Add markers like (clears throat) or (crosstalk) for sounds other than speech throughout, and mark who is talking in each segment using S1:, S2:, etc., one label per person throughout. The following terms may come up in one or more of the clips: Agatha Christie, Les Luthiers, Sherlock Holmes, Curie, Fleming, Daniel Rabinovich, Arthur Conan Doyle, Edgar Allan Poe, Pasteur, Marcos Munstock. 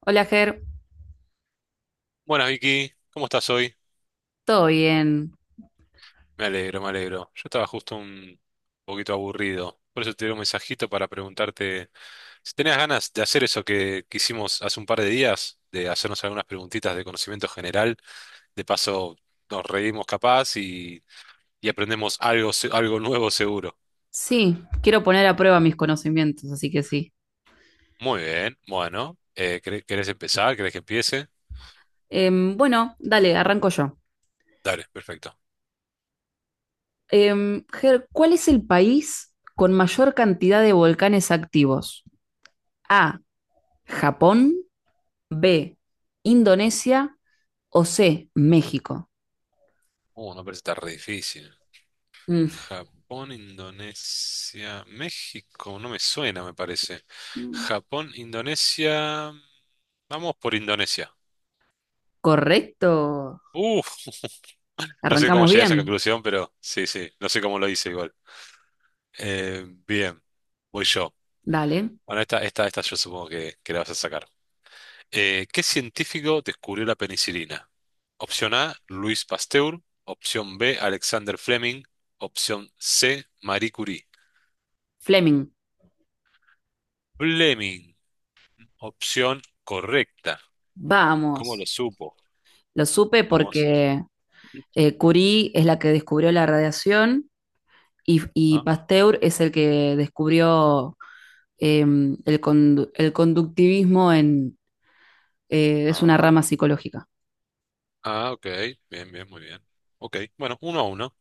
S1: Hola, Ger.
S2: Buenas Vicky, ¿cómo estás hoy?
S1: ¿Todo bien?
S2: Me alegro, me alegro. Yo estaba justo un poquito aburrido, por eso te di un mensajito para preguntarte si tenías ganas de hacer eso que hicimos hace un par de días, de hacernos algunas preguntitas de conocimiento general. De paso, nos reímos capaz y aprendemos algo, algo nuevo seguro.
S1: Sí, quiero poner a prueba mis conocimientos, así que sí.
S2: Muy bien, bueno, ¿querés empezar? ¿Querés que empiece?
S1: Bueno, dale, arranco yo.
S2: Dale, perfecto.
S1: Ger, ¿cuál es el país con mayor cantidad de volcanes activos? A, Japón; B, Indonesia; o C, México.
S2: No parece tan re difícil.
S1: Mm.
S2: Japón, Indonesia, México, no me suena, me parece. Japón, Indonesia, vamos por Indonesia.
S1: Correcto.
S2: Uf, no sé cómo
S1: Arrancamos
S2: llegué a esa
S1: bien.
S2: conclusión, pero sí, sí, no sé cómo lo hice igual. Bien, voy yo.
S1: Dale.
S2: Bueno, esta yo supongo que la vas a sacar. ¿Qué científico descubrió la penicilina? Opción A, Luis Pasteur. Opción B, Alexander Fleming. Opción C, Marie Curie.
S1: Fleming.
S2: Fleming, opción correcta. ¿Cómo lo
S1: Vamos.
S2: supo?
S1: Lo supe
S2: Vamos.
S1: porque Curie es la que descubrió la radiación, y
S2: Ah,
S1: Pasteur es el que descubrió, eh, el conductivismo en, es una
S2: ah,
S1: rama psicológica.
S2: ah, ok. Bien, bien, muy bien. Ok, bueno, 1-1.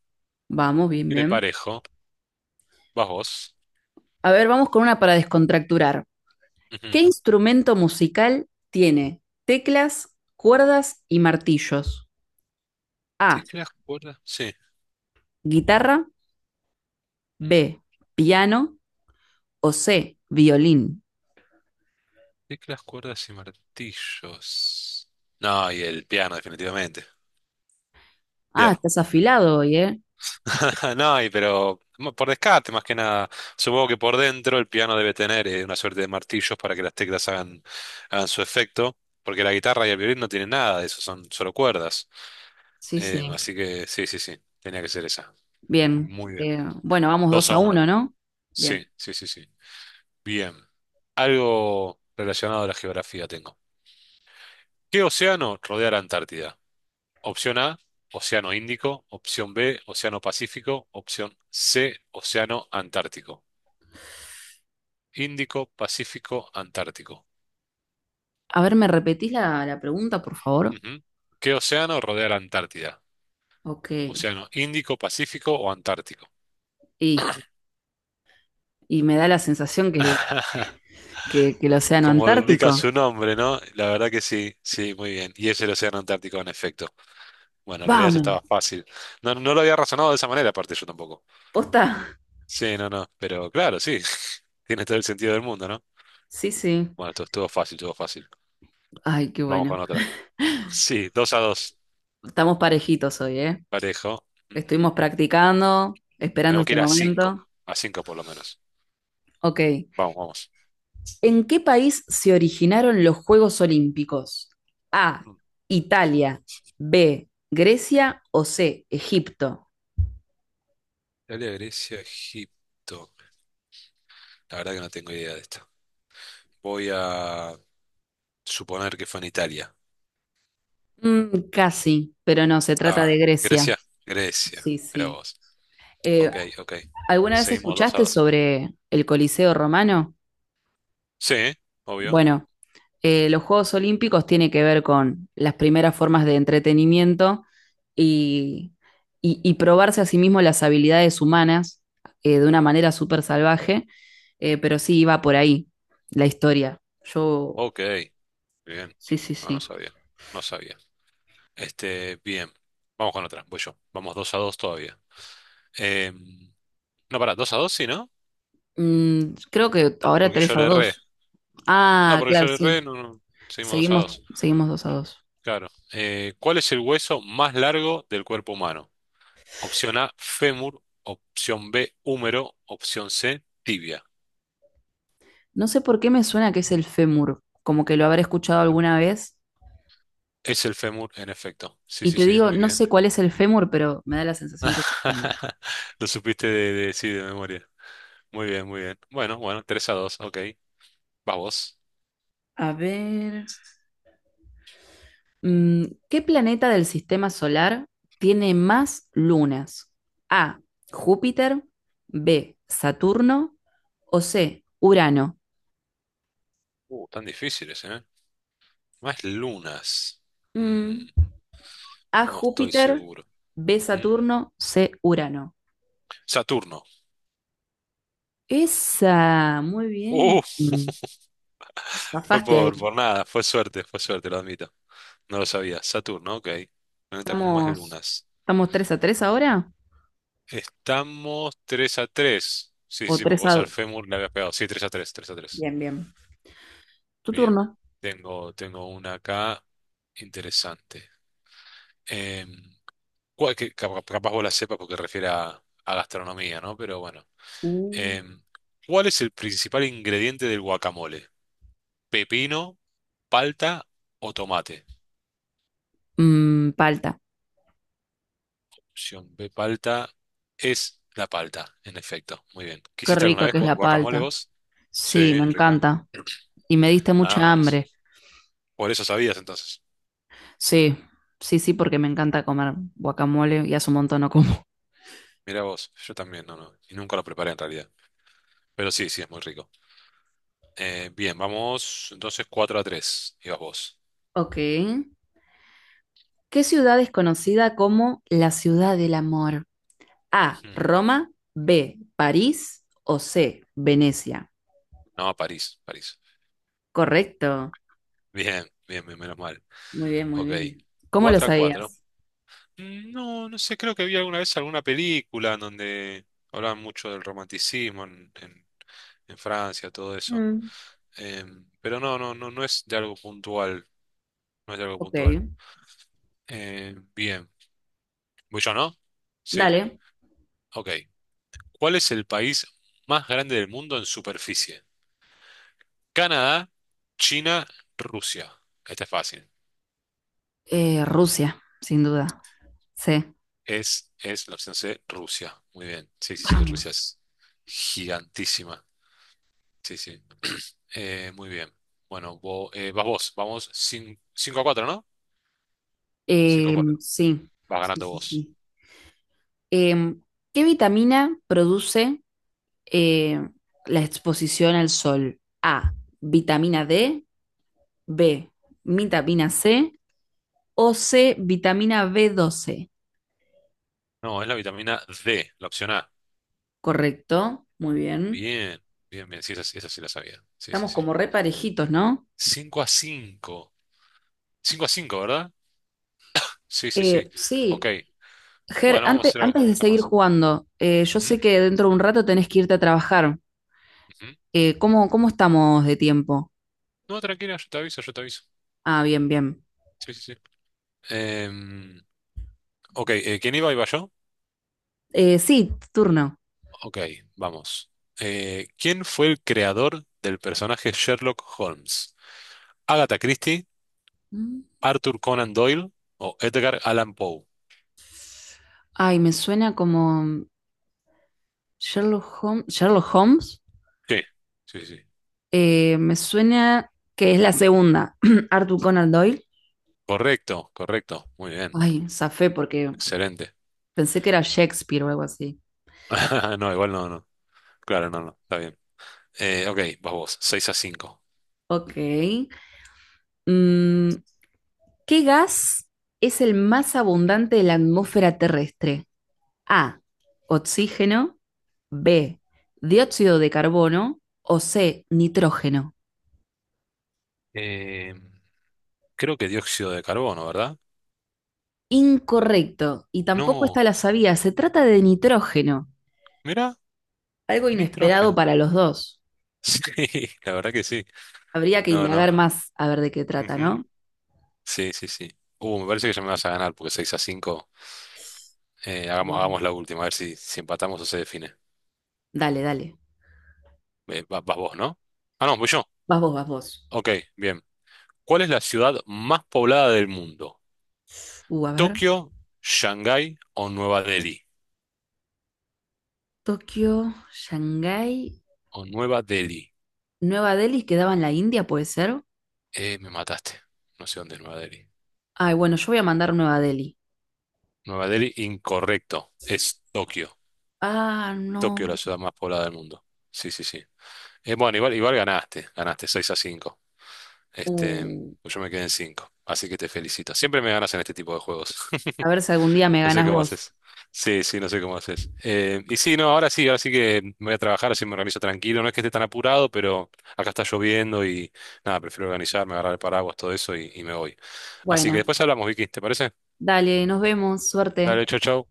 S1: Vamos, bien,
S2: Viene
S1: bien.
S2: parejo. Vas vos.
S1: A ver, vamos con una para descontracturar. ¿Qué
S2: Ujú.
S1: instrumento musical tiene teclas, cuerdas y martillos? A,
S2: Teclas, cuerdas. Sí.
S1: guitarra;
S2: Mm.
S1: B, piano; o C, violín.
S2: Teclas, cuerdas y martillos. No, y el piano, definitivamente.
S1: Ah,
S2: Piano.
S1: estás afilado hoy, ¿eh?
S2: (laughs) No, y pero por descarte, más que nada. Supongo que por dentro el piano debe tener una suerte de martillos para que las teclas hagan su efecto. Porque la guitarra y el violín no tienen nada de eso, son solo cuerdas.
S1: Sí, sí.
S2: Así que sí, sí, sí, tenía que ser esa.
S1: Bien.
S2: Muy bien.
S1: Bueno, vamos
S2: dos
S1: dos
S2: a
S1: a
S2: uno
S1: uno, ¿no? Bien.
S2: Sí, sí, sí, sí. Bien. Algo relacionado a la geografía tengo. ¿Qué océano rodea la Antártida? Opción A, Océano Índico. Opción B, Océano Pacífico. Opción C, Océano Antártico. Índico, Pacífico, Antártico.
S1: A ver, ¿me repetís la pregunta, por favor?
S2: Ujú. ¿Qué océano rodea la Antártida?
S1: Ok.
S2: ¿Océano Índico, Pacífico o Antártico?
S1: Y, y me da la sensación que
S2: (laughs)
S1: que el océano
S2: Como lo indica
S1: Antártico.
S2: su nombre, ¿no? La verdad que sí, sí, muy bien. Y es el Océano Antártico, en efecto. Bueno, en realidad eso
S1: Vamos,
S2: estaba fácil. No, no lo había razonado de esa manera, aparte yo tampoco.
S1: posta.
S2: Sí, no, no. Pero claro, sí. (laughs) Tiene todo el sentido del mundo, ¿no?
S1: Sí, sí.
S2: Bueno, esto estuvo fácil, estuvo fácil.
S1: Ay, qué
S2: Vamos con
S1: bueno.
S2: otra. Sí, 2-2.
S1: Estamos parejitos hoy, ¿eh?
S2: Parejo. Mm.
S1: Estuvimos practicando, esperando
S2: Tenemos que
S1: este
S2: ir a cinco.
S1: momento.
S2: A cinco por lo menos.
S1: Ok.
S2: Vamos, vamos.
S1: ¿En qué país se originaron los Juegos Olímpicos? A,
S2: Mm.
S1: Italia; B, Grecia; o C, Egipto.
S2: Italia, Grecia, Egipto. La verdad que no tengo idea de esto. Voy a suponer que fue en Italia.
S1: Mm, casi, pero no, se trata
S2: Ah,
S1: de Grecia.
S2: Grecia, Grecia.
S1: Sí,
S2: Mira
S1: sí.
S2: vos.
S1: Eh,
S2: Ok, ok.
S1: ¿Alguna vez
S2: Seguimos 2 a
S1: escuchaste
S2: 2.
S1: sobre el Coliseo Romano?
S2: Sí, obvio.
S1: Bueno, los Juegos Olímpicos tienen que ver con las primeras formas de entretenimiento y, y probarse a sí mismo las habilidades humanas, de una manera súper salvaje, pero sí iba por ahí la historia. Yo,
S2: Ok, bien.
S1: sí, sí,
S2: No, no
S1: sí.
S2: sabía. No sabía. Este, bien. Vamos con otra. Voy yo. Vamos 2-2 todavía. Em, no, pará, 2-2, sí, ¿no?
S1: Mm, creo que ahora
S2: Porque
S1: 3
S2: yo
S1: a
S2: le erré.
S1: 2.
S2: No,
S1: Ah,
S2: porque yo
S1: claro,
S2: le erré.
S1: sí.
S2: No, no. Seguimos 2 a
S1: Seguimos,
S2: 2.
S1: seguimos 2 a 2.
S2: Claro. ¿Cuál es el hueso más largo del cuerpo humano? Opción A, fémur. Opción B, húmero. Opción C, tibia.
S1: No sé por qué me suena que es el fémur, como que lo habré escuchado
S2: Fémur.
S1: alguna vez.
S2: Es el fémur, en efecto. Sí,
S1: Y
S2: sí,
S1: te
S2: sí.
S1: digo,
S2: Muy
S1: no
S2: bien.
S1: sé cuál es el fémur, pero me da la sensación que es el fémur.
S2: (laughs) Lo supiste sí, de memoria. Muy bien, muy bien. Bueno, bueno, 3-2, ok. Vas vos.
S1: A ver, mm, ¿qué planeta del sistema solar tiene más lunas? A, Júpiter; B, Saturno; o C, Urano.
S2: Tan difíciles, ¿eh? Más lunas. Mm,
S1: Mm, A,
S2: no estoy
S1: Júpiter;
S2: seguro.
S1: B,
S2: Ujú.
S1: Saturno; C, Urano.
S2: Saturno.
S1: Esa, muy
S2: Uh,
S1: bien.
S2: fue
S1: Bajaste ahí.
S2: por nada, fue suerte, lo admito. No lo sabía. Saturno, ok. Planeta con más
S1: Estamos,
S2: lunas.
S1: estamos 3 a 3 ahora.
S2: Estamos 3-3. Sí, sí,
S1: O
S2: sí, porque
S1: 3 a
S2: vos al
S1: 2.
S2: fémur le habías pegado. Sí, 3-3, 3-3.
S1: Bien, bien. Tu
S2: Bien.
S1: turno.
S2: Tengo una acá interesante. Eh, que capaz vos la sepas porque refiere a gastronomía, ¿no? Pero bueno.
S1: Uh,
S2: Eh, ¿Cuál es el principal ingrediente del guacamole? ¿Pepino, palta o tomate?
S1: Mm, palta.
S2: Opción B, palta. Es la palta, en efecto. Muy bien.
S1: Qué
S2: ¿Quisiste alguna
S1: rica
S2: vez
S1: que es la
S2: guacamole
S1: palta.
S2: vos? Sí,
S1: Sí, me
S2: es rica.
S1: encanta. Y me diste
S2: Ah,
S1: mucha
S2: por eso.
S1: hambre.
S2: Por eso sabías entonces.
S1: Sí, sí, sí, porque me encanta comer guacamole y hace un montón no como.
S2: Mira vos, yo también, no, no. Y nunca lo preparé en realidad. Pero sí, sí, es muy rico. Bien, vamos entonces 4-3. Ibas vos.
S1: Ok. ¿Qué ciudad es conocida como la ciudad del amor? A,
S2: Ujú.
S1: Roma; B, París; o C, Venecia.
S2: No, París, París.
S1: Correcto.
S2: Bien, bien, bien, menos mal.
S1: Muy bien, muy
S2: Ok.
S1: bien. ¿Cómo lo
S2: 4-4.
S1: sabías?
S2: No, no sé, creo que vi alguna vez alguna película en donde hablaban mucho del romanticismo en, en Francia, todo eso.
S1: Mm.
S2: Pero no, no, no, no es de algo puntual. No es de algo
S1: Ok.
S2: puntual. Bien. ¿Voy yo, no? Sí,
S1: Dale.
S2: ok. ¿Cuál es el país más grande del mundo en superficie? Canadá, China, Rusia. Este es fácil.
S1: Rusia, sin duda. Sí,
S2: Es la opción C, Rusia. Muy bien. Sí, sí, sí, Rusia
S1: vamos.
S2: es gigantísima. Sí, sí. (clears throat) Muy bien. Bueno, vas vos. Vamos 5-4, ¿no? cinco a cuatro
S1: Sí,
S2: Vas
S1: sí,
S2: ganando
S1: sí,
S2: vos.
S1: sí. Em, ¿Qué vitamina produce eh, la exposición al sol? A, vitamina D; B, vitamina C; o C, vitamina b doce.
S2: No, es la vitamina D, la opción A.
S1: Correcto, muy bien.
S2: Bien, bien, bien. Sí, esa sí la sabía. Sí, sí,
S1: Estamos
S2: sí.
S1: como re parejitos, ¿no?
S2: 5-5. 5-5, ¿verdad? Sí, sí, sí.
S1: Sí,
S2: Ok.
S1: Ger,
S2: Bueno, vamos a hacer
S1: antes de
S2: algunas
S1: seguir
S2: más.
S1: jugando, yo sé
S2: Ujú,
S1: que dentro de un rato tenés que irte a trabajar.
S2: ujú.
S1: ¿Cómo estamos de tiempo?
S2: No, tranquila, yo te aviso, yo te aviso.
S1: Ah, bien, bien.
S2: Sí, sí, sí. Em, ok, ¿quién iba? ¿Iba yo?
S1: Sí, turno.
S2: Ok, vamos. ¿Quién fue el creador del personaje Sherlock Holmes? ¿Agatha Christie,
S1: Mm.
S2: Arthur Conan Doyle o Edgar Allan Poe?
S1: Ay, me suena como Sherlock Holmes. Sherlock Holmes.
S2: Sí, sí, sí.
S1: Me suena que es la segunda. (clears throat) Arthur Conan Doyle.
S2: Correcto, correcto. Muy bien.
S1: Ay, zafé porque
S2: Excelente.
S1: pensé que era Shakespeare o algo así.
S2: (laughs) No, igual no, no. Claro, no, no. Está bien. Ok, vas vos. 6-5.
S1: Ok. Mm, ¿qué gas es el más abundante de la atmósfera terrestre? A, oxígeno. B, dióxido de carbono. O C, nitrógeno.
S2: Eh, creo que dióxido de carbono, ¿verdad?
S1: Incorrecto, y tampoco
S2: No.
S1: está la sabía, se trata de nitrógeno,
S2: Mira,
S1: algo inesperado
S2: nitrógeno.
S1: para
S2: (laughs)
S1: los dos.
S2: Sí, la verdad que sí.
S1: Habría que
S2: No, no.
S1: indagar más a ver de qué trata,
S2: Ujú.
S1: ¿no?
S2: Sí, sí, sí. Me parece que ya me vas a ganar porque 6-5. Hagamos,
S1: Bueno,
S2: hagamos la última, a ver si, si empatamos o se define.
S1: dale, dale.
S2: Vas vos, ¿no? Ah, no, voy yo.
S1: Vas vos.
S2: Ok, bien. ¿Cuál es la ciudad más poblada del mundo?
S1: A ver.
S2: ¿Tokio, Shanghái o Nueva Delhi?
S1: Tokio, Shanghái,
S2: O Nueva Delhi.
S1: Nueva Delhi quedaba en la India, ¿puede ser?
S2: Me mataste. No sé dónde es Nueva Delhi.
S1: Ay, bueno, yo voy a mandar Nueva Delhi.
S2: Nueva Delhi, incorrecto. Es Tokio.
S1: Ah, no.
S2: Tokio, la ciudad más poblada del mundo. Sí, sí, sí. Bueno, igual, ganaste. Ganaste 6-5. Este,
S1: Uh,
S2: pues yo me quedé en 5. Así que te felicito. Siempre me ganas en este tipo de juegos. (laughs)
S1: a ver si algún día me
S2: No sé
S1: ganas
S2: cómo
S1: vos.
S2: haces. Sí, sí, no sé cómo haces. Y sí, no, ahora sí que me voy a trabajar, así me organizo tranquilo. No es que esté tan apurado, pero acá está lloviendo y nada, prefiero organizarme, agarrar el paraguas, todo eso y me voy. Así que
S1: Bueno,
S2: después hablamos, Vicky, ¿te parece?
S1: dale, nos vemos, suerte.
S2: Dale, chau, chau.